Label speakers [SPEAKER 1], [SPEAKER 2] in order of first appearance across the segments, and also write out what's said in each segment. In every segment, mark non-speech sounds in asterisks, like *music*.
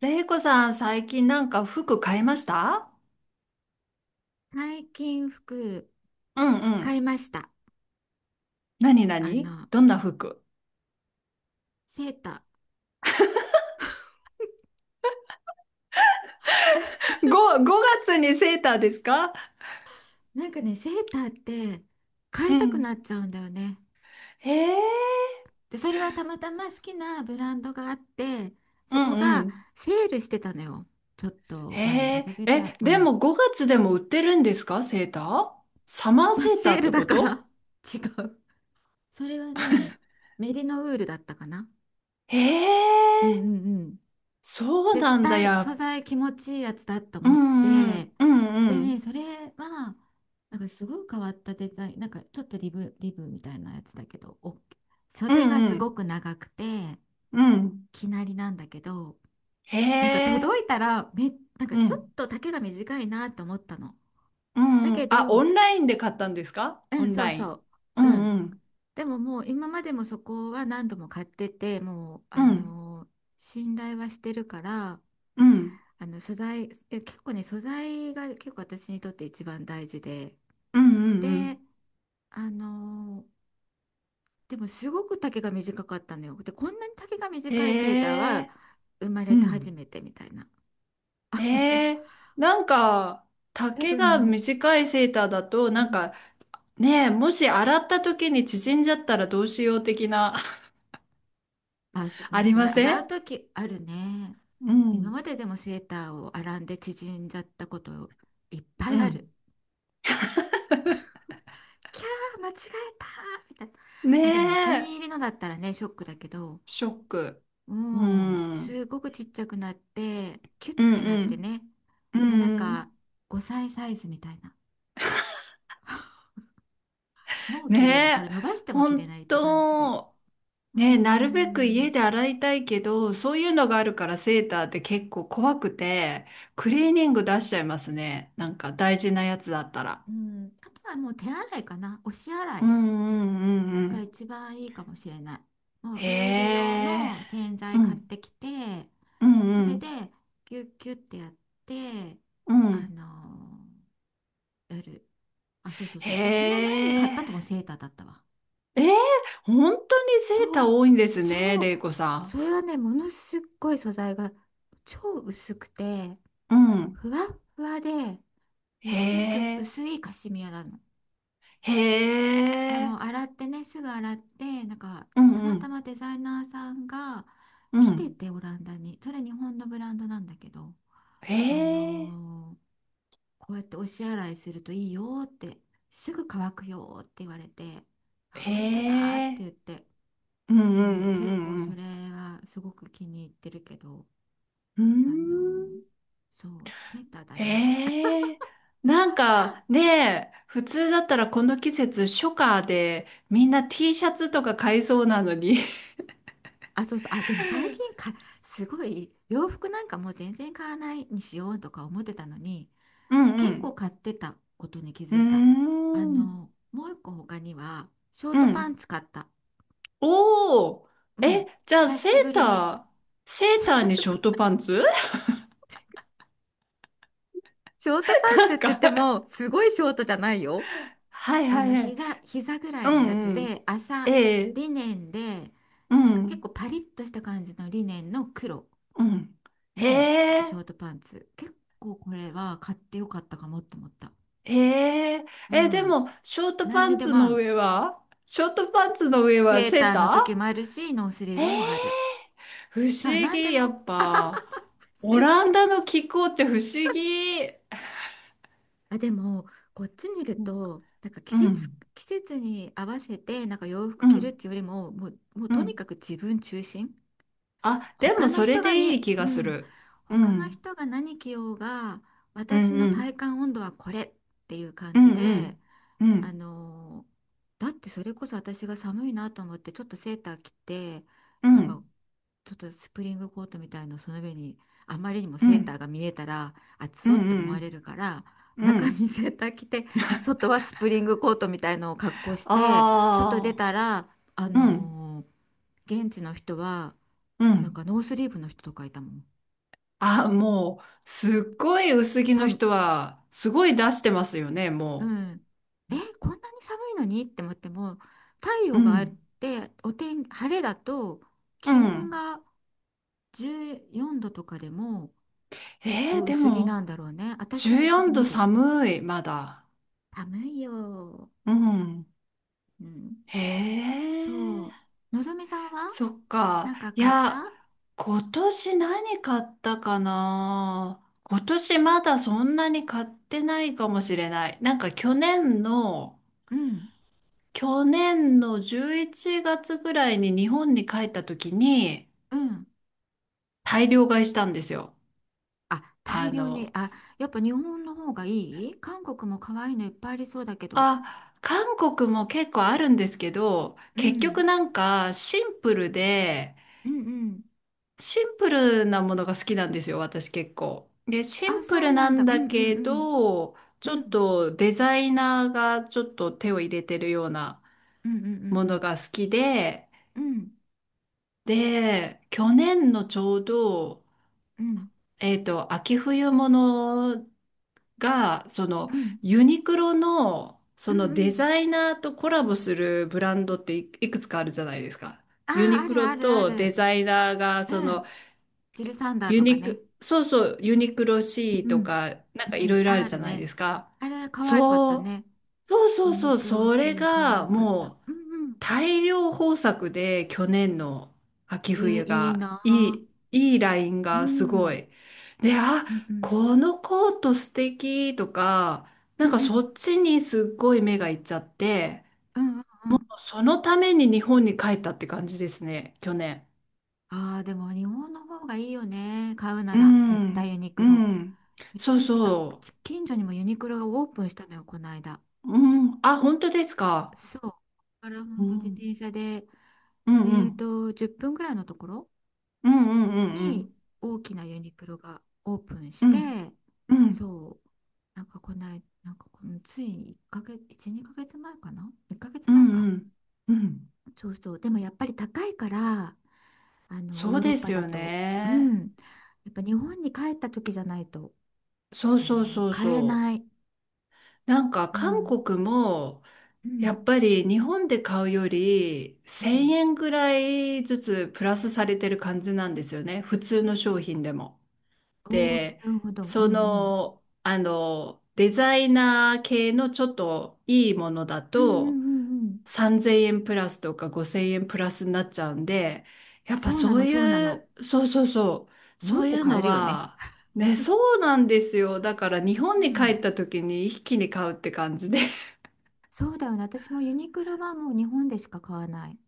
[SPEAKER 1] れいこさん、最近なんか服買いました？
[SPEAKER 2] 最近服
[SPEAKER 1] うんう
[SPEAKER 2] 買い
[SPEAKER 1] ん。
[SPEAKER 2] ました。
[SPEAKER 1] なにな
[SPEAKER 2] あ
[SPEAKER 1] に
[SPEAKER 2] の、
[SPEAKER 1] どんな服？
[SPEAKER 2] セータ
[SPEAKER 1] 5、5月にセーターですか？
[SPEAKER 2] ー。なんかね、セーターって買
[SPEAKER 1] う
[SPEAKER 2] いたくな
[SPEAKER 1] ん。
[SPEAKER 2] っちゃうんだよね。
[SPEAKER 1] へえ。
[SPEAKER 2] で、それはたまたま好きなブランドがあって、
[SPEAKER 1] う
[SPEAKER 2] そこ
[SPEAKER 1] んう
[SPEAKER 2] が
[SPEAKER 1] ん。
[SPEAKER 2] セールしてたのよ。ちょっと前の
[SPEAKER 1] へ
[SPEAKER 2] 1
[SPEAKER 1] え、
[SPEAKER 2] ヶ月、
[SPEAKER 1] え、
[SPEAKER 2] う
[SPEAKER 1] で
[SPEAKER 2] ん。
[SPEAKER 1] も5月でも売ってるんですか、セーター？サマ
[SPEAKER 2] *laughs*
[SPEAKER 1] ー
[SPEAKER 2] まあ、
[SPEAKER 1] セーター
[SPEAKER 2] セー
[SPEAKER 1] っ
[SPEAKER 2] ル
[SPEAKER 1] て
[SPEAKER 2] だ
[SPEAKER 1] こ
[SPEAKER 2] か
[SPEAKER 1] と？
[SPEAKER 2] ら、 *laughs* 違う。それはね、メリノウールだったかな。
[SPEAKER 1] へ
[SPEAKER 2] うん
[SPEAKER 1] え、
[SPEAKER 2] うん。
[SPEAKER 1] そう
[SPEAKER 2] 絶
[SPEAKER 1] なんだ
[SPEAKER 2] 対素
[SPEAKER 1] や。
[SPEAKER 2] 材気持ちいいやつだと
[SPEAKER 1] う
[SPEAKER 2] 思っ
[SPEAKER 1] んう
[SPEAKER 2] て、
[SPEAKER 1] ん、うんう
[SPEAKER 2] で
[SPEAKER 1] ん、
[SPEAKER 2] ね、それはなんかすごい変わったデザイン、なんかちょっとリブみたいなやつだけど、お
[SPEAKER 1] う
[SPEAKER 2] 袖が
[SPEAKER 1] んう
[SPEAKER 2] すご
[SPEAKER 1] ん、
[SPEAKER 2] く長くて、
[SPEAKER 1] うん。
[SPEAKER 2] きなりなんだけど、
[SPEAKER 1] へ
[SPEAKER 2] なんか届
[SPEAKER 1] え、
[SPEAKER 2] いたらめなんか
[SPEAKER 1] う
[SPEAKER 2] ちょっ
[SPEAKER 1] ん、
[SPEAKER 2] と丈が短いなと思ったの。
[SPEAKER 1] う
[SPEAKER 2] だ
[SPEAKER 1] んう
[SPEAKER 2] け
[SPEAKER 1] ん。あ、オ
[SPEAKER 2] ど、
[SPEAKER 1] ンラインで買ったんですか、
[SPEAKER 2] う
[SPEAKER 1] オ
[SPEAKER 2] ん、
[SPEAKER 1] ン
[SPEAKER 2] そう
[SPEAKER 1] ライ
[SPEAKER 2] そ
[SPEAKER 1] ン？う
[SPEAKER 2] う、う
[SPEAKER 1] ん
[SPEAKER 2] ん。
[SPEAKER 1] うん。
[SPEAKER 2] でも、もう今までもそこは何度も買ってて、もう
[SPEAKER 1] うん、
[SPEAKER 2] 信頼はしてるから。
[SPEAKER 1] うん、
[SPEAKER 2] あの素材、え、結構ね、素材が結構私にとって一番大事で、
[SPEAKER 1] うん、うんう
[SPEAKER 2] で、
[SPEAKER 1] ん。
[SPEAKER 2] あのーでもすごく丈が短かったのよ。で、こんなに丈が短いセーター
[SPEAKER 1] へ
[SPEAKER 2] は
[SPEAKER 1] え、
[SPEAKER 2] 生ま
[SPEAKER 1] う
[SPEAKER 2] れて初
[SPEAKER 1] ん。
[SPEAKER 2] めてみたいな。*laughs* あの、
[SPEAKER 1] へえ、なんか、
[SPEAKER 2] 多
[SPEAKER 1] 丈が
[SPEAKER 2] 分、
[SPEAKER 1] 短いセーターだと、
[SPEAKER 2] う
[SPEAKER 1] なん
[SPEAKER 2] ん。
[SPEAKER 1] か、ねえ、もし洗った時に縮んじゃったらどうしよう的な。*laughs*
[SPEAKER 2] も
[SPEAKER 1] あ
[SPEAKER 2] う
[SPEAKER 1] り
[SPEAKER 2] それ
[SPEAKER 1] ませ
[SPEAKER 2] 洗
[SPEAKER 1] ん？
[SPEAKER 2] う時あるね。
[SPEAKER 1] う
[SPEAKER 2] 今
[SPEAKER 1] ん。
[SPEAKER 2] まででもセーターを洗んで縮んじゃったこといっぱ
[SPEAKER 1] う
[SPEAKER 2] いあ
[SPEAKER 1] ん。
[SPEAKER 2] る。キャー、間違えたみたいな。
[SPEAKER 1] ね
[SPEAKER 2] まあでもお気に
[SPEAKER 1] え、
[SPEAKER 2] 入りのだったらね、ショックだけど。
[SPEAKER 1] ショック。う
[SPEAKER 2] もう
[SPEAKER 1] ん。うん
[SPEAKER 2] すごくちっちゃくなってキュッ
[SPEAKER 1] うん。
[SPEAKER 2] てなってね、
[SPEAKER 1] うん
[SPEAKER 2] もうなん
[SPEAKER 1] う
[SPEAKER 2] か
[SPEAKER 1] ん。
[SPEAKER 2] 5歳サイズみたいな。 *laughs* もう綺麗な、
[SPEAKER 1] ね
[SPEAKER 2] こ
[SPEAKER 1] え、
[SPEAKER 2] れ伸ばしても切れ
[SPEAKER 1] 本
[SPEAKER 2] ないって感じで。
[SPEAKER 1] 当。
[SPEAKER 2] うー
[SPEAKER 1] ね、なるべく家
[SPEAKER 2] ん、
[SPEAKER 1] で洗いたいけど、そういうのがあるからセーターって結構怖くて、クリーニング出しちゃいますね、なんか大事なやつだったら。
[SPEAKER 2] うん。あとはもう手洗いかな、押し洗
[SPEAKER 1] うん
[SPEAKER 2] い
[SPEAKER 1] うんうんう
[SPEAKER 2] が
[SPEAKER 1] ん。
[SPEAKER 2] 一番いいかもしれない。もう
[SPEAKER 1] へ
[SPEAKER 2] ウール用
[SPEAKER 1] え。
[SPEAKER 2] の洗
[SPEAKER 1] う
[SPEAKER 2] 剤買っ
[SPEAKER 1] ん
[SPEAKER 2] てきて、
[SPEAKER 1] う
[SPEAKER 2] それで
[SPEAKER 1] ん
[SPEAKER 2] ギュッギュッてやって、
[SPEAKER 1] うんう
[SPEAKER 2] あ
[SPEAKER 1] ん。
[SPEAKER 2] のーやるあ、そうそうそう、で、その前に買
[SPEAKER 1] へ
[SPEAKER 2] ったとも
[SPEAKER 1] え。
[SPEAKER 2] セーターだったわ。
[SPEAKER 1] えー、本当にセーター
[SPEAKER 2] 超、
[SPEAKER 1] 多いんですね、れ
[SPEAKER 2] 超、
[SPEAKER 1] いこさ
[SPEAKER 2] それはね、ものすっごい素材が超薄くて、
[SPEAKER 1] ん。うん。
[SPEAKER 2] ふわっふわで、
[SPEAKER 1] へ
[SPEAKER 2] 薄く、
[SPEAKER 1] え。
[SPEAKER 2] 薄いカシミヤなの。
[SPEAKER 1] へ
[SPEAKER 2] でも、
[SPEAKER 1] え。
[SPEAKER 2] 洗ってね、すぐ洗って、なんか、
[SPEAKER 1] う
[SPEAKER 2] た
[SPEAKER 1] んう
[SPEAKER 2] また
[SPEAKER 1] ん
[SPEAKER 2] まデザイナーさんが
[SPEAKER 1] う
[SPEAKER 2] 来て
[SPEAKER 1] ん。
[SPEAKER 2] て、オランダに。それ日本のブランドなんだけど、
[SPEAKER 1] へ
[SPEAKER 2] あ
[SPEAKER 1] え。
[SPEAKER 2] のーこうやって押し洗いするといいよって、すぐ乾くよって言われて、あ、本当だっ
[SPEAKER 1] へ
[SPEAKER 2] て
[SPEAKER 1] え。
[SPEAKER 2] 言って。
[SPEAKER 1] うんうん
[SPEAKER 2] うん、
[SPEAKER 1] うんう
[SPEAKER 2] 結構
[SPEAKER 1] んう
[SPEAKER 2] そ
[SPEAKER 1] ん。
[SPEAKER 2] れはすごく気に入ってるけど、
[SPEAKER 1] うー
[SPEAKER 2] あの、
[SPEAKER 1] ん。
[SPEAKER 2] そう、セーターだね。
[SPEAKER 1] ええ。なんかね、普通だったらこの季節初夏でみんな T シャツとか買いそうなのに。
[SPEAKER 2] あ、そうそう、あ、でも最近か、すごい洋服なんかもう全然買わないにしようとか思ってたのに、
[SPEAKER 1] *laughs* うんう
[SPEAKER 2] 結構
[SPEAKER 1] ん。
[SPEAKER 2] 買ってたことに気
[SPEAKER 1] う
[SPEAKER 2] づ
[SPEAKER 1] ー
[SPEAKER 2] いた。
[SPEAKER 1] ん。
[SPEAKER 2] もう一個他には、ショー
[SPEAKER 1] う
[SPEAKER 2] トパン
[SPEAKER 1] ん。
[SPEAKER 2] ツ買った。
[SPEAKER 1] おー。
[SPEAKER 2] うん、
[SPEAKER 1] え、じゃあ
[SPEAKER 2] 久
[SPEAKER 1] セー
[SPEAKER 2] しぶ
[SPEAKER 1] タ
[SPEAKER 2] りに。
[SPEAKER 1] ー、セーターにショ
[SPEAKER 2] *laughs*
[SPEAKER 1] ートパンツ？
[SPEAKER 2] ショートパ
[SPEAKER 1] *laughs*
[SPEAKER 2] ンツ
[SPEAKER 1] な
[SPEAKER 2] っ
[SPEAKER 1] ん
[SPEAKER 2] て言っ
[SPEAKER 1] か、
[SPEAKER 2] ても、すごいショートじゃないよ。
[SPEAKER 1] はいはいはい。
[SPEAKER 2] 膝ぐら
[SPEAKER 1] う
[SPEAKER 2] いのや
[SPEAKER 1] ん
[SPEAKER 2] つ
[SPEAKER 1] うん。
[SPEAKER 2] で麻、
[SPEAKER 1] ええ。
[SPEAKER 2] リネンで、
[SPEAKER 1] う
[SPEAKER 2] なんか結
[SPEAKER 1] ん。
[SPEAKER 2] 構パリッとした感じのリネンの黒
[SPEAKER 1] うん。へ
[SPEAKER 2] のシ
[SPEAKER 1] え。
[SPEAKER 2] ョートパンツ。結構これは買ってよかったかもって思った。
[SPEAKER 1] へえ、
[SPEAKER 2] う
[SPEAKER 1] え、で
[SPEAKER 2] ん、
[SPEAKER 1] も、ショート
[SPEAKER 2] 何
[SPEAKER 1] パ
[SPEAKER 2] に
[SPEAKER 1] ン
[SPEAKER 2] で
[SPEAKER 1] ツ
[SPEAKER 2] も合
[SPEAKER 1] の
[SPEAKER 2] う。
[SPEAKER 1] 上はショートパンツの上は
[SPEAKER 2] セー
[SPEAKER 1] セー
[SPEAKER 2] ター
[SPEAKER 1] タ
[SPEAKER 2] の時もあるしノースリー
[SPEAKER 1] ー？へえ、
[SPEAKER 2] ブもある。
[SPEAKER 1] 不
[SPEAKER 2] だから
[SPEAKER 1] 思
[SPEAKER 2] 何で
[SPEAKER 1] 議、や
[SPEAKER 2] も、
[SPEAKER 1] っぱ。
[SPEAKER 2] 不思
[SPEAKER 1] オラン
[SPEAKER 2] 議。
[SPEAKER 1] ダの気候って不思議。
[SPEAKER 2] あ、でもこっちにいる
[SPEAKER 1] うん
[SPEAKER 2] と、なんか季
[SPEAKER 1] う
[SPEAKER 2] 節
[SPEAKER 1] ん、
[SPEAKER 2] 季節に合わせてなんか洋服
[SPEAKER 1] う
[SPEAKER 2] 着るっ
[SPEAKER 1] ん。
[SPEAKER 2] ていうよりも、もう
[SPEAKER 1] う
[SPEAKER 2] とにか
[SPEAKER 1] ん。
[SPEAKER 2] く自分中心、
[SPEAKER 1] あ、で
[SPEAKER 2] 他
[SPEAKER 1] も
[SPEAKER 2] の
[SPEAKER 1] それ
[SPEAKER 2] 人が
[SPEAKER 1] でい
[SPEAKER 2] に、
[SPEAKER 1] い気
[SPEAKER 2] う
[SPEAKER 1] がす
[SPEAKER 2] ん、
[SPEAKER 1] る。う
[SPEAKER 2] 他の
[SPEAKER 1] ん、
[SPEAKER 2] 人が何着ようが、
[SPEAKER 1] うん、
[SPEAKER 2] 私
[SPEAKER 1] う
[SPEAKER 2] の体
[SPEAKER 1] ん、
[SPEAKER 2] 感温度はこれっていう感
[SPEAKER 1] うん、
[SPEAKER 2] じ
[SPEAKER 1] う
[SPEAKER 2] で、
[SPEAKER 1] ん、う
[SPEAKER 2] あ
[SPEAKER 1] ん、
[SPEAKER 2] のーだってそれこそ私が寒いなと思って、ちょっとセーター着て、
[SPEAKER 1] う
[SPEAKER 2] なんか
[SPEAKER 1] ん、
[SPEAKER 2] ちょっとスプリングコートみたいのその上に、あまりにも
[SPEAKER 1] う
[SPEAKER 2] セータ
[SPEAKER 1] ん、
[SPEAKER 2] ーが見えたら、暑
[SPEAKER 1] う
[SPEAKER 2] そう
[SPEAKER 1] ん、
[SPEAKER 2] って思
[SPEAKER 1] う
[SPEAKER 2] われ
[SPEAKER 1] ん、
[SPEAKER 2] るから、
[SPEAKER 1] う
[SPEAKER 2] 中
[SPEAKER 1] ん。
[SPEAKER 2] にセーター着て、外はスプリングコートみたいのを格好して、外出
[SPEAKER 1] あ
[SPEAKER 2] たら、あ
[SPEAKER 1] あ、うん、
[SPEAKER 2] のー現地の人は、
[SPEAKER 1] う
[SPEAKER 2] なんか
[SPEAKER 1] ん。
[SPEAKER 2] ノースリーブの人とかいたもん。
[SPEAKER 1] あ、もう、すっごい薄着
[SPEAKER 2] さ
[SPEAKER 1] の
[SPEAKER 2] ん、
[SPEAKER 1] 人は、すごい出してますよね、
[SPEAKER 2] う
[SPEAKER 1] も
[SPEAKER 2] ん。
[SPEAKER 1] う。
[SPEAKER 2] こんなに寒いのにって思っても、太
[SPEAKER 1] う
[SPEAKER 2] 陽があっ
[SPEAKER 1] ん。
[SPEAKER 2] て、晴れだと、
[SPEAKER 1] う
[SPEAKER 2] 気温
[SPEAKER 1] ん。
[SPEAKER 2] が14度とかでもきっ
[SPEAKER 1] え
[SPEAKER 2] と
[SPEAKER 1] ー、で
[SPEAKER 2] 薄着
[SPEAKER 1] も、
[SPEAKER 2] なんだろうね。私は
[SPEAKER 1] 14
[SPEAKER 2] 薄着
[SPEAKER 1] 度
[SPEAKER 2] 無理。
[SPEAKER 1] 寒い、まだ。
[SPEAKER 2] 寒いよ。
[SPEAKER 1] うん。
[SPEAKER 2] うん。
[SPEAKER 1] へ
[SPEAKER 2] そ
[SPEAKER 1] え、
[SPEAKER 2] う。のぞみさんは
[SPEAKER 1] そっか。
[SPEAKER 2] なんか
[SPEAKER 1] い
[SPEAKER 2] 買っ
[SPEAKER 1] や、
[SPEAKER 2] た？
[SPEAKER 1] 今年何買ったかな。今年まだそんなに買ってないかもしれない。なんか去年の、
[SPEAKER 2] うん。
[SPEAKER 1] 去年の11月ぐらいに日本に帰った時に、
[SPEAKER 2] うん。
[SPEAKER 1] 大量買いしたんですよ。
[SPEAKER 2] あ、大
[SPEAKER 1] あ
[SPEAKER 2] 量に。
[SPEAKER 1] の、
[SPEAKER 2] あ、やっぱ日本の方がいい、韓国も可愛いのいっぱいありそうだけど。
[SPEAKER 1] あ、韓国も結構あるんですけど、
[SPEAKER 2] う
[SPEAKER 1] 結
[SPEAKER 2] ん。
[SPEAKER 1] 局なんかシンプルで、
[SPEAKER 2] うんうん。
[SPEAKER 1] シンプルなものが好きなんですよ、私結構。で、シ
[SPEAKER 2] あ、
[SPEAKER 1] ンプ
[SPEAKER 2] そう
[SPEAKER 1] ルな
[SPEAKER 2] なん
[SPEAKER 1] ん
[SPEAKER 2] だ。う
[SPEAKER 1] だ
[SPEAKER 2] んうん
[SPEAKER 1] けど、ち
[SPEAKER 2] うん。
[SPEAKER 1] ょ
[SPEAKER 2] う
[SPEAKER 1] っ
[SPEAKER 2] ん
[SPEAKER 1] とデザイナーがちょっと手を入れてるような
[SPEAKER 2] うんうん
[SPEAKER 1] も
[SPEAKER 2] う
[SPEAKER 1] の
[SPEAKER 2] ん
[SPEAKER 1] が好きで、
[SPEAKER 2] うん。
[SPEAKER 1] で、去年のちょうど、
[SPEAKER 2] うんうん
[SPEAKER 1] 秋冬物が、その
[SPEAKER 2] うん
[SPEAKER 1] ユニクロの
[SPEAKER 2] う
[SPEAKER 1] そ
[SPEAKER 2] ん
[SPEAKER 1] の
[SPEAKER 2] う
[SPEAKER 1] デ
[SPEAKER 2] ん。
[SPEAKER 1] ザイナーとコラボするブランドっていいくつかあるじゃないですか。
[SPEAKER 2] あ
[SPEAKER 1] ユ
[SPEAKER 2] あ、
[SPEAKER 1] ニ
[SPEAKER 2] あ
[SPEAKER 1] ク
[SPEAKER 2] る
[SPEAKER 1] ロ
[SPEAKER 2] あるあ
[SPEAKER 1] とデ
[SPEAKER 2] る。
[SPEAKER 1] ザイナーがそ
[SPEAKER 2] う
[SPEAKER 1] の
[SPEAKER 2] ん。ジルサンダー
[SPEAKER 1] ユ
[SPEAKER 2] とか
[SPEAKER 1] ニ
[SPEAKER 2] ね。
[SPEAKER 1] ク、そうそう、ユニクロ C
[SPEAKER 2] う
[SPEAKER 1] と
[SPEAKER 2] ん。
[SPEAKER 1] か、な
[SPEAKER 2] う
[SPEAKER 1] んか
[SPEAKER 2] ん
[SPEAKER 1] い
[SPEAKER 2] う
[SPEAKER 1] ろ
[SPEAKER 2] ん。
[SPEAKER 1] いろある
[SPEAKER 2] あ
[SPEAKER 1] じ
[SPEAKER 2] る
[SPEAKER 1] ゃない
[SPEAKER 2] ね。
[SPEAKER 1] ですか。
[SPEAKER 2] あれ、可愛かった
[SPEAKER 1] そう、
[SPEAKER 2] ね。
[SPEAKER 1] そうそ
[SPEAKER 2] ユ
[SPEAKER 1] う
[SPEAKER 2] ニ
[SPEAKER 1] そう、
[SPEAKER 2] クロ
[SPEAKER 1] それ
[SPEAKER 2] C、可
[SPEAKER 1] が
[SPEAKER 2] 愛かった。
[SPEAKER 1] もう
[SPEAKER 2] うんうん。
[SPEAKER 1] 大量豊作で去年の秋冬
[SPEAKER 2] いい
[SPEAKER 1] が
[SPEAKER 2] な
[SPEAKER 1] い
[SPEAKER 2] あ。
[SPEAKER 1] い、いいライン
[SPEAKER 2] うん。
[SPEAKER 1] がす
[SPEAKER 2] う
[SPEAKER 1] ご
[SPEAKER 2] ん
[SPEAKER 1] い。で、あ、
[SPEAKER 2] うん。
[SPEAKER 1] このコート素敵とか、
[SPEAKER 2] う
[SPEAKER 1] な
[SPEAKER 2] ん
[SPEAKER 1] んか
[SPEAKER 2] う
[SPEAKER 1] そ
[SPEAKER 2] ん。
[SPEAKER 1] っちにすっごい目がいっちゃって、
[SPEAKER 2] うんうんうん。
[SPEAKER 1] そのために日本に帰ったって感じですね、去年。
[SPEAKER 2] ああ、でも日本の方がいいよね。買うな
[SPEAKER 1] う
[SPEAKER 2] ら、絶対ユ
[SPEAKER 1] ん、
[SPEAKER 2] ニ
[SPEAKER 1] う
[SPEAKER 2] クロ。
[SPEAKER 1] ん。
[SPEAKER 2] う
[SPEAKER 1] そ
[SPEAKER 2] ち
[SPEAKER 1] う
[SPEAKER 2] の近く、
[SPEAKER 1] そう。
[SPEAKER 2] 近所にもユニクロがオープンしたのよ、この間。
[SPEAKER 1] うん。あ、本当ですか。
[SPEAKER 2] そう。ここから
[SPEAKER 1] う
[SPEAKER 2] 本当自
[SPEAKER 1] ん。
[SPEAKER 2] 転車で、
[SPEAKER 1] うんうん。
[SPEAKER 2] 10分ぐらいのところ
[SPEAKER 1] うんうんうんう
[SPEAKER 2] に
[SPEAKER 1] ん。
[SPEAKER 2] 大きなユニクロがオープンし
[SPEAKER 1] うん
[SPEAKER 2] て、
[SPEAKER 1] うん
[SPEAKER 2] そう、なんかこない、なんかこのつい1ヶ月、1、2ヶ月前かな？ 1 ヶ月
[SPEAKER 1] う
[SPEAKER 2] 前
[SPEAKER 1] ん
[SPEAKER 2] か。
[SPEAKER 1] うんうん。
[SPEAKER 2] そうそう。でもやっぱり高いから、
[SPEAKER 1] そ
[SPEAKER 2] ヨ
[SPEAKER 1] う
[SPEAKER 2] ーロッ
[SPEAKER 1] で
[SPEAKER 2] パ
[SPEAKER 1] す
[SPEAKER 2] だ
[SPEAKER 1] よ
[SPEAKER 2] と、う
[SPEAKER 1] ね。
[SPEAKER 2] ん。やっぱ日本に帰った時じゃないと、
[SPEAKER 1] そうそうそう
[SPEAKER 2] 買え
[SPEAKER 1] そ
[SPEAKER 2] ない。
[SPEAKER 1] う。なんか
[SPEAKER 2] う
[SPEAKER 1] 韓
[SPEAKER 2] ん。
[SPEAKER 1] 国も
[SPEAKER 2] う
[SPEAKER 1] や
[SPEAKER 2] ん。
[SPEAKER 1] っぱり日本で買うより
[SPEAKER 2] う
[SPEAKER 1] 1000
[SPEAKER 2] ん。
[SPEAKER 1] 円ぐらいずつプラスされてる感じなんですよね、普通の商品でも。
[SPEAKER 2] おお、な
[SPEAKER 1] で、
[SPEAKER 2] るほど。うんうん。
[SPEAKER 1] デザイナー系のちょっといいものだ
[SPEAKER 2] うんう
[SPEAKER 1] と、
[SPEAKER 2] んうんうん。
[SPEAKER 1] 3000円プラスとか5000円プラスになっちゃうんで、やっぱ
[SPEAKER 2] そうな
[SPEAKER 1] そう
[SPEAKER 2] の、そうな
[SPEAKER 1] い
[SPEAKER 2] の。
[SPEAKER 1] う、そうそうそう、
[SPEAKER 2] もう
[SPEAKER 1] そ
[SPEAKER 2] 一
[SPEAKER 1] うい
[SPEAKER 2] 個
[SPEAKER 1] う
[SPEAKER 2] 買え
[SPEAKER 1] の
[SPEAKER 2] るよね。
[SPEAKER 1] は、ね、そうなんですよ。だから
[SPEAKER 2] う
[SPEAKER 1] 日本に帰っ
[SPEAKER 2] ん。
[SPEAKER 1] た時に一気に買うって感じで。
[SPEAKER 2] そうだよね。私もユニクロはもう日本でしか買わない。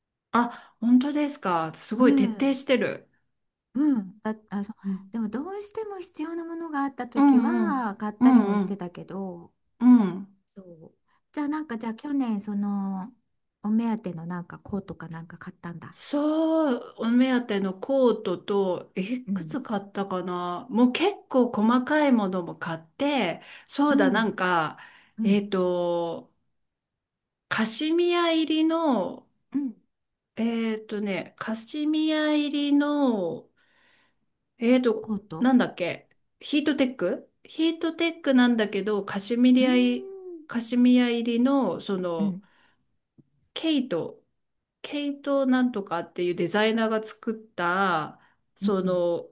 [SPEAKER 1] *laughs* あ、本当ですか。す
[SPEAKER 2] う
[SPEAKER 1] ごい徹底
[SPEAKER 2] ん。
[SPEAKER 1] してる。
[SPEAKER 2] うん。あ、そう。
[SPEAKER 1] うん
[SPEAKER 2] でもどうしても必要なものがあった
[SPEAKER 1] う
[SPEAKER 2] 時
[SPEAKER 1] んうん。
[SPEAKER 2] は買っ
[SPEAKER 1] う
[SPEAKER 2] たりも
[SPEAKER 1] ん
[SPEAKER 2] し
[SPEAKER 1] う
[SPEAKER 2] て
[SPEAKER 1] ん
[SPEAKER 2] たけど、
[SPEAKER 1] うん。
[SPEAKER 2] そう。じゃあ去年そのお目当てのなんかコートかなんか買ったんだ。
[SPEAKER 1] そう、お目当てのコートと、い
[SPEAKER 2] う
[SPEAKER 1] く
[SPEAKER 2] ん。
[SPEAKER 1] つ買ったかな、もう結構細かいものも買って、そ
[SPEAKER 2] う
[SPEAKER 1] うだ、な
[SPEAKER 2] ん。
[SPEAKER 1] んか、
[SPEAKER 2] う
[SPEAKER 1] えっ
[SPEAKER 2] ん。
[SPEAKER 1] と、カシミヤ入りの、
[SPEAKER 2] うん、
[SPEAKER 1] えーっとね、カシミヤ入りの、えーっと、
[SPEAKER 2] コート。
[SPEAKER 1] なんだっけ、ヒートテックなんだけど、
[SPEAKER 2] うーん。
[SPEAKER 1] カシミヤ入りの、そ
[SPEAKER 2] う
[SPEAKER 1] の、
[SPEAKER 2] ん。
[SPEAKER 1] ケイト、ケイトなんとかっていうデザイナーが作った、
[SPEAKER 2] う
[SPEAKER 1] そ
[SPEAKER 2] ん。
[SPEAKER 1] の、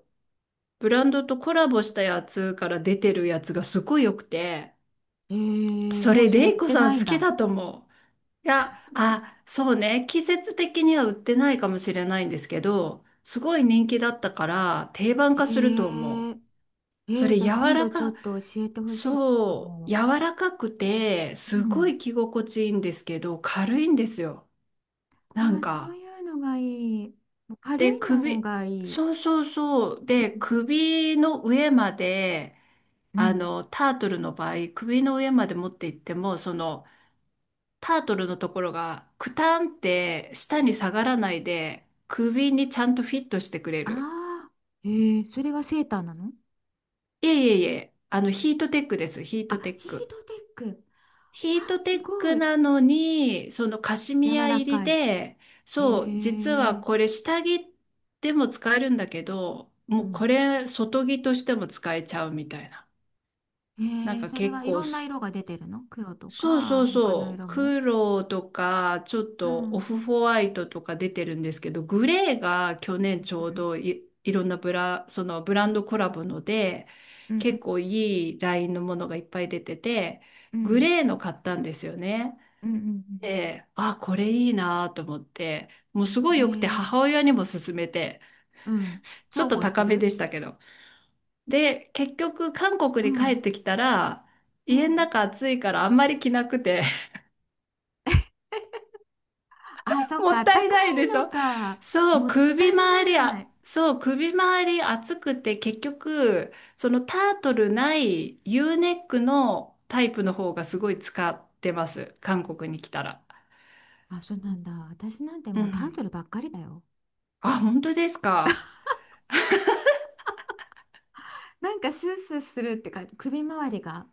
[SPEAKER 1] ブランドとコラボしたやつから出てるやつがすごい良くて、
[SPEAKER 2] え
[SPEAKER 1] そ
[SPEAKER 2] もう
[SPEAKER 1] れ、
[SPEAKER 2] それ
[SPEAKER 1] レ
[SPEAKER 2] 売
[SPEAKER 1] イ
[SPEAKER 2] っ
[SPEAKER 1] コ
[SPEAKER 2] て
[SPEAKER 1] さ
[SPEAKER 2] な
[SPEAKER 1] ん
[SPEAKER 2] いん
[SPEAKER 1] 好き
[SPEAKER 2] だ。
[SPEAKER 1] だと思う。いや、あ、そうね。季節的には売ってないかもしれないんですけど、すごい人気だったから定番
[SPEAKER 2] へ
[SPEAKER 1] 化すると思
[SPEAKER 2] え。
[SPEAKER 1] う。それ
[SPEAKER 2] じゃ
[SPEAKER 1] 柔
[SPEAKER 2] あ今
[SPEAKER 1] ら
[SPEAKER 2] 度ちょっ
[SPEAKER 1] か、
[SPEAKER 2] と教えてほしいか
[SPEAKER 1] そう、柔
[SPEAKER 2] も。
[SPEAKER 1] らかくて、
[SPEAKER 2] う
[SPEAKER 1] すご
[SPEAKER 2] ん。
[SPEAKER 1] い着心地いいんですけど、軽いんですよ、な
[SPEAKER 2] あ
[SPEAKER 1] ん
[SPEAKER 2] あ、そう
[SPEAKER 1] か。
[SPEAKER 2] いうのがいい。もう軽
[SPEAKER 1] で、
[SPEAKER 2] いのがいい。
[SPEAKER 1] そうそうそう。
[SPEAKER 2] う
[SPEAKER 1] で、
[SPEAKER 2] ん。
[SPEAKER 1] 首の上まで、
[SPEAKER 2] うん、
[SPEAKER 1] タートルの場合、首の上まで持っていっても、その、タートルのところが、クタンって下に下がらないで、首にちゃんとフィットしてくれ
[SPEAKER 2] あ
[SPEAKER 1] る。
[SPEAKER 2] あ、それはセーターなの？
[SPEAKER 1] いえいえいえ、ヒートテックです、ヒートテ
[SPEAKER 2] あ、
[SPEAKER 1] ッ
[SPEAKER 2] ヒー
[SPEAKER 1] ク。
[SPEAKER 2] トテック。あ
[SPEAKER 1] ヒート
[SPEAKER 2] ー、
[SPEAKER 1] テ
[SPEAKER 2] す
[SPEAKER 1] ッ
[SPEAKER 2] ご
[SPEAKER 1] ク
[SPEAKER 2] い。
[SPEAKER 1] なのに、そのカシミ
[SPEAKER 2] 柔
[SPEAKER 1] ヤ
[SPEAKER 2] ら
[SPEAKER 1] 入り
[SPEAKER 2] かい。
[SPEAKER 1] で、
[SPEAKER 2] へ
[SPEAKER 1] そう、実は
[SPEAKER 2] え。
[SPEAKER 1] これ下着でも使えるんだけど、
[SPEAKER 2] う
[SPEAKER 1] もうこ
[SPEAKER 2] ん。
[SPEAKER 1] れ外着としても使えちゃうみたいな。
[SPEAKER 2] へ
[SPEAKER 1] なん
[SPEAKER 2] えー、
[SPEAKER 1] か
[SPEAKER 2] それ
[SPEAKER 1] 結
[SPEAKER 2] はい
[SPEAKER 1] 構、
[SPEAKER 2] ろんな色が出てるの？黒と
[SPEAKER 1] そうそう
[SPEAKER 2] か、他の
[SPEAKER 1] そう。
[SPEAKER 2] 色も。
[SPEAKER 1] 黒とか、ちょっ
[SPEAKER 2] う
[SPEAKER 1] とオ
[SPEAKER 2] ん。
[SPEAKER 1] フホワイトとか出てるんですけど、グレーが去年ち
[SPEAKER 2] う
[SPEAKER 1] ょう
[SPEAKER 2] ん。
[SPEAKER 1] どいろんなそのブランドコラボので、
[SPEAKER 2] うんうん。
[SPEAKER 1] 結構いいラインのものがいっぱい出てて、
[SPEAKER 2] う
[SPEAKER 1] グ
[SPEAKER 2] ん。
[SPEAKER 1] レーの買ったんですよね。
[SPEAKER 2] うん。うん。
[SPEAKER 1] で、あ、これいいなと思って、もうす
[SPEAKER 2] う
[SPEAKER 1] ご
[SPEAKER 2] ん、
[SPEAKER 1] い良くて
[SPEAKER 2] へえー、
[SPEAKER 1] 母親にも勧めて、
[SPEAKER 2] うん。重
[SPEAKER 1] ちょっと
[SPEAKER 2] 宝して
[SPEAKER 1] 高めで
[SPEAKER 2] る。
[SPEAKER 1] したけど。で、結局韓
[SPEAKER 2] う
[SPEAKER 1] 国に帰っ
[SPEAKER 2] ん。
[SPEAKER 1] てきたら、
[SPEAKER 2] う
[SPEAKER 1] 家の
[SPEAKER 2] ん、
[SPEAKER 1] 中暑いからあんまり着なくて。
[SPEAKER 2] あ、
[SPEAKER 1] *laughs*
[SPEAKER 2] そっ
[SPEAKER 1] も
[SPEAKER 2] か、
[SPEAKER 1] っ
[SPEAKER 2] あっ
[SPEAKER 1] た
[SPEAKER 2] た
[SPEAKER 1] い
[SPEAKER 2] か
[SPEAKER 1] ないで
[SPEAKER 2] い
[SPEAKER 1] し
[SPEAKER 2] の
[SPEAKER 1] ょ。
[SPEAKER 2] か。
[SPEAKER 1] そう、
[SPEAKER 2] もった
[SPEAKER 1] 首
[SPEAKER 2] い
[SPEAKER 1] 周り、
[SPEAKER 2] な
[SPEAKER 1] あ、
[SPEAKER 2] い。
[SPEAKER 1] そう、首周り熱くて結局、そのタートルない U ネックのタイプの方がすごい使ってます、韓国に来たら。
[SPEAKER 2] あ、そうなんだ。私なんて
[SPEAKER 1] う
[SPEAKER 2] もうタ
[SPEAKER 1] ん。
[SPEAKER 2] ートルばっかりだよ。
[SPEAKER 1] あ、本当ですか。
[SPEAKER 2] なんかスースーするってか、首周りが。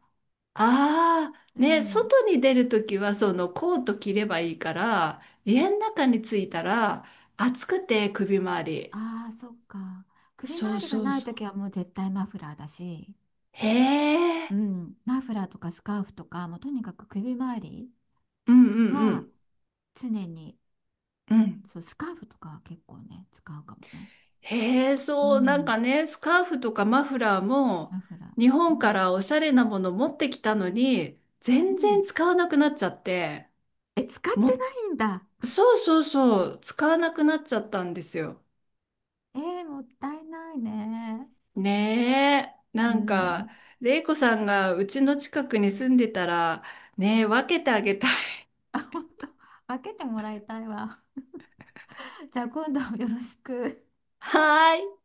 [SPEAKER 1] あ
[SPEAKER 2] う
[SPEAKER 1] あ、ね、
[SPEAKER 2] ん。
[SPEAKER 1] 外に出るときはそのコート着ればいいから、家の中に着いたら暑くて首周り。
[SPEAKER 2] ああ、そっか。首
[SPEAKER 1] そう
[SPEAKER 2] 周りが
[SPEAKER 1] そう
[SPEAKER 2] ない
[SPEAKER 1] そ
[SPEAKER 2] と
[SPEAKER 1] う。
[SPEAKER 2] きはもう絶対マフラーだし、
[SPEAKER 1] へ
[SPEAKER 2] う
[SPEAKER 1] え。
[SPEAKER 2] ん。マフラーとかスカーフとか、もうとにかく首周り
[SPEAKER 1] うんうんう
[SPEAKER 2] は
[SPEAKER 1] ん。
[SPEAKER 2] 常に、
[SPEAKER 1] うん。
[SPEAKER 2] そう、スカーフとかは結構ね、使うかもね。
[SPEAKER 1] へえ、
[SPEAKER 2] う
[SPEAKER 1] そう、なん
[SPEAKER 2] ん。
[SPEAKER 1] かね、スカーフとかマフラーも、
[SPEAKER 2] マフラ
[SPEAKER 1] 日
[SPEAKER 2] ー。う
[SPEAKER 1] 本か
[SPEAKER 2] ん。
[SPEAKER 1] らおしゃれなもの持ってきたのに、
[SPEAKER 2] う
[SPEAKER 1] 全然
[SPEAKER 2] ん。
[SPEAKER 1] 使わなくなっちゃって、
[SPEAKER 2] え、使っ
[SPEAKER 1] も、
[SPEAKER 2] てないんだ。
[SPEAKER 1] そうそうそう、使わなくなっちゃったんですよ。
[SPEAKER 2] もったいないね。
[SPEAKER 1] ねえ、
[SPEAKER 2] う
[SPEAKER 1] なんか、
[SPEAKER 2] ん。
[SPEAKER 1] れいこさんがうちの近くに住んでたら、ねえ、分けてあげたい。*laughs*
[SPEAKER 2] *laughs* あ、本当。開けてもらいたいわ。*laughs* じゃあ今度よろしく。
[SPEAKER 1] はーい。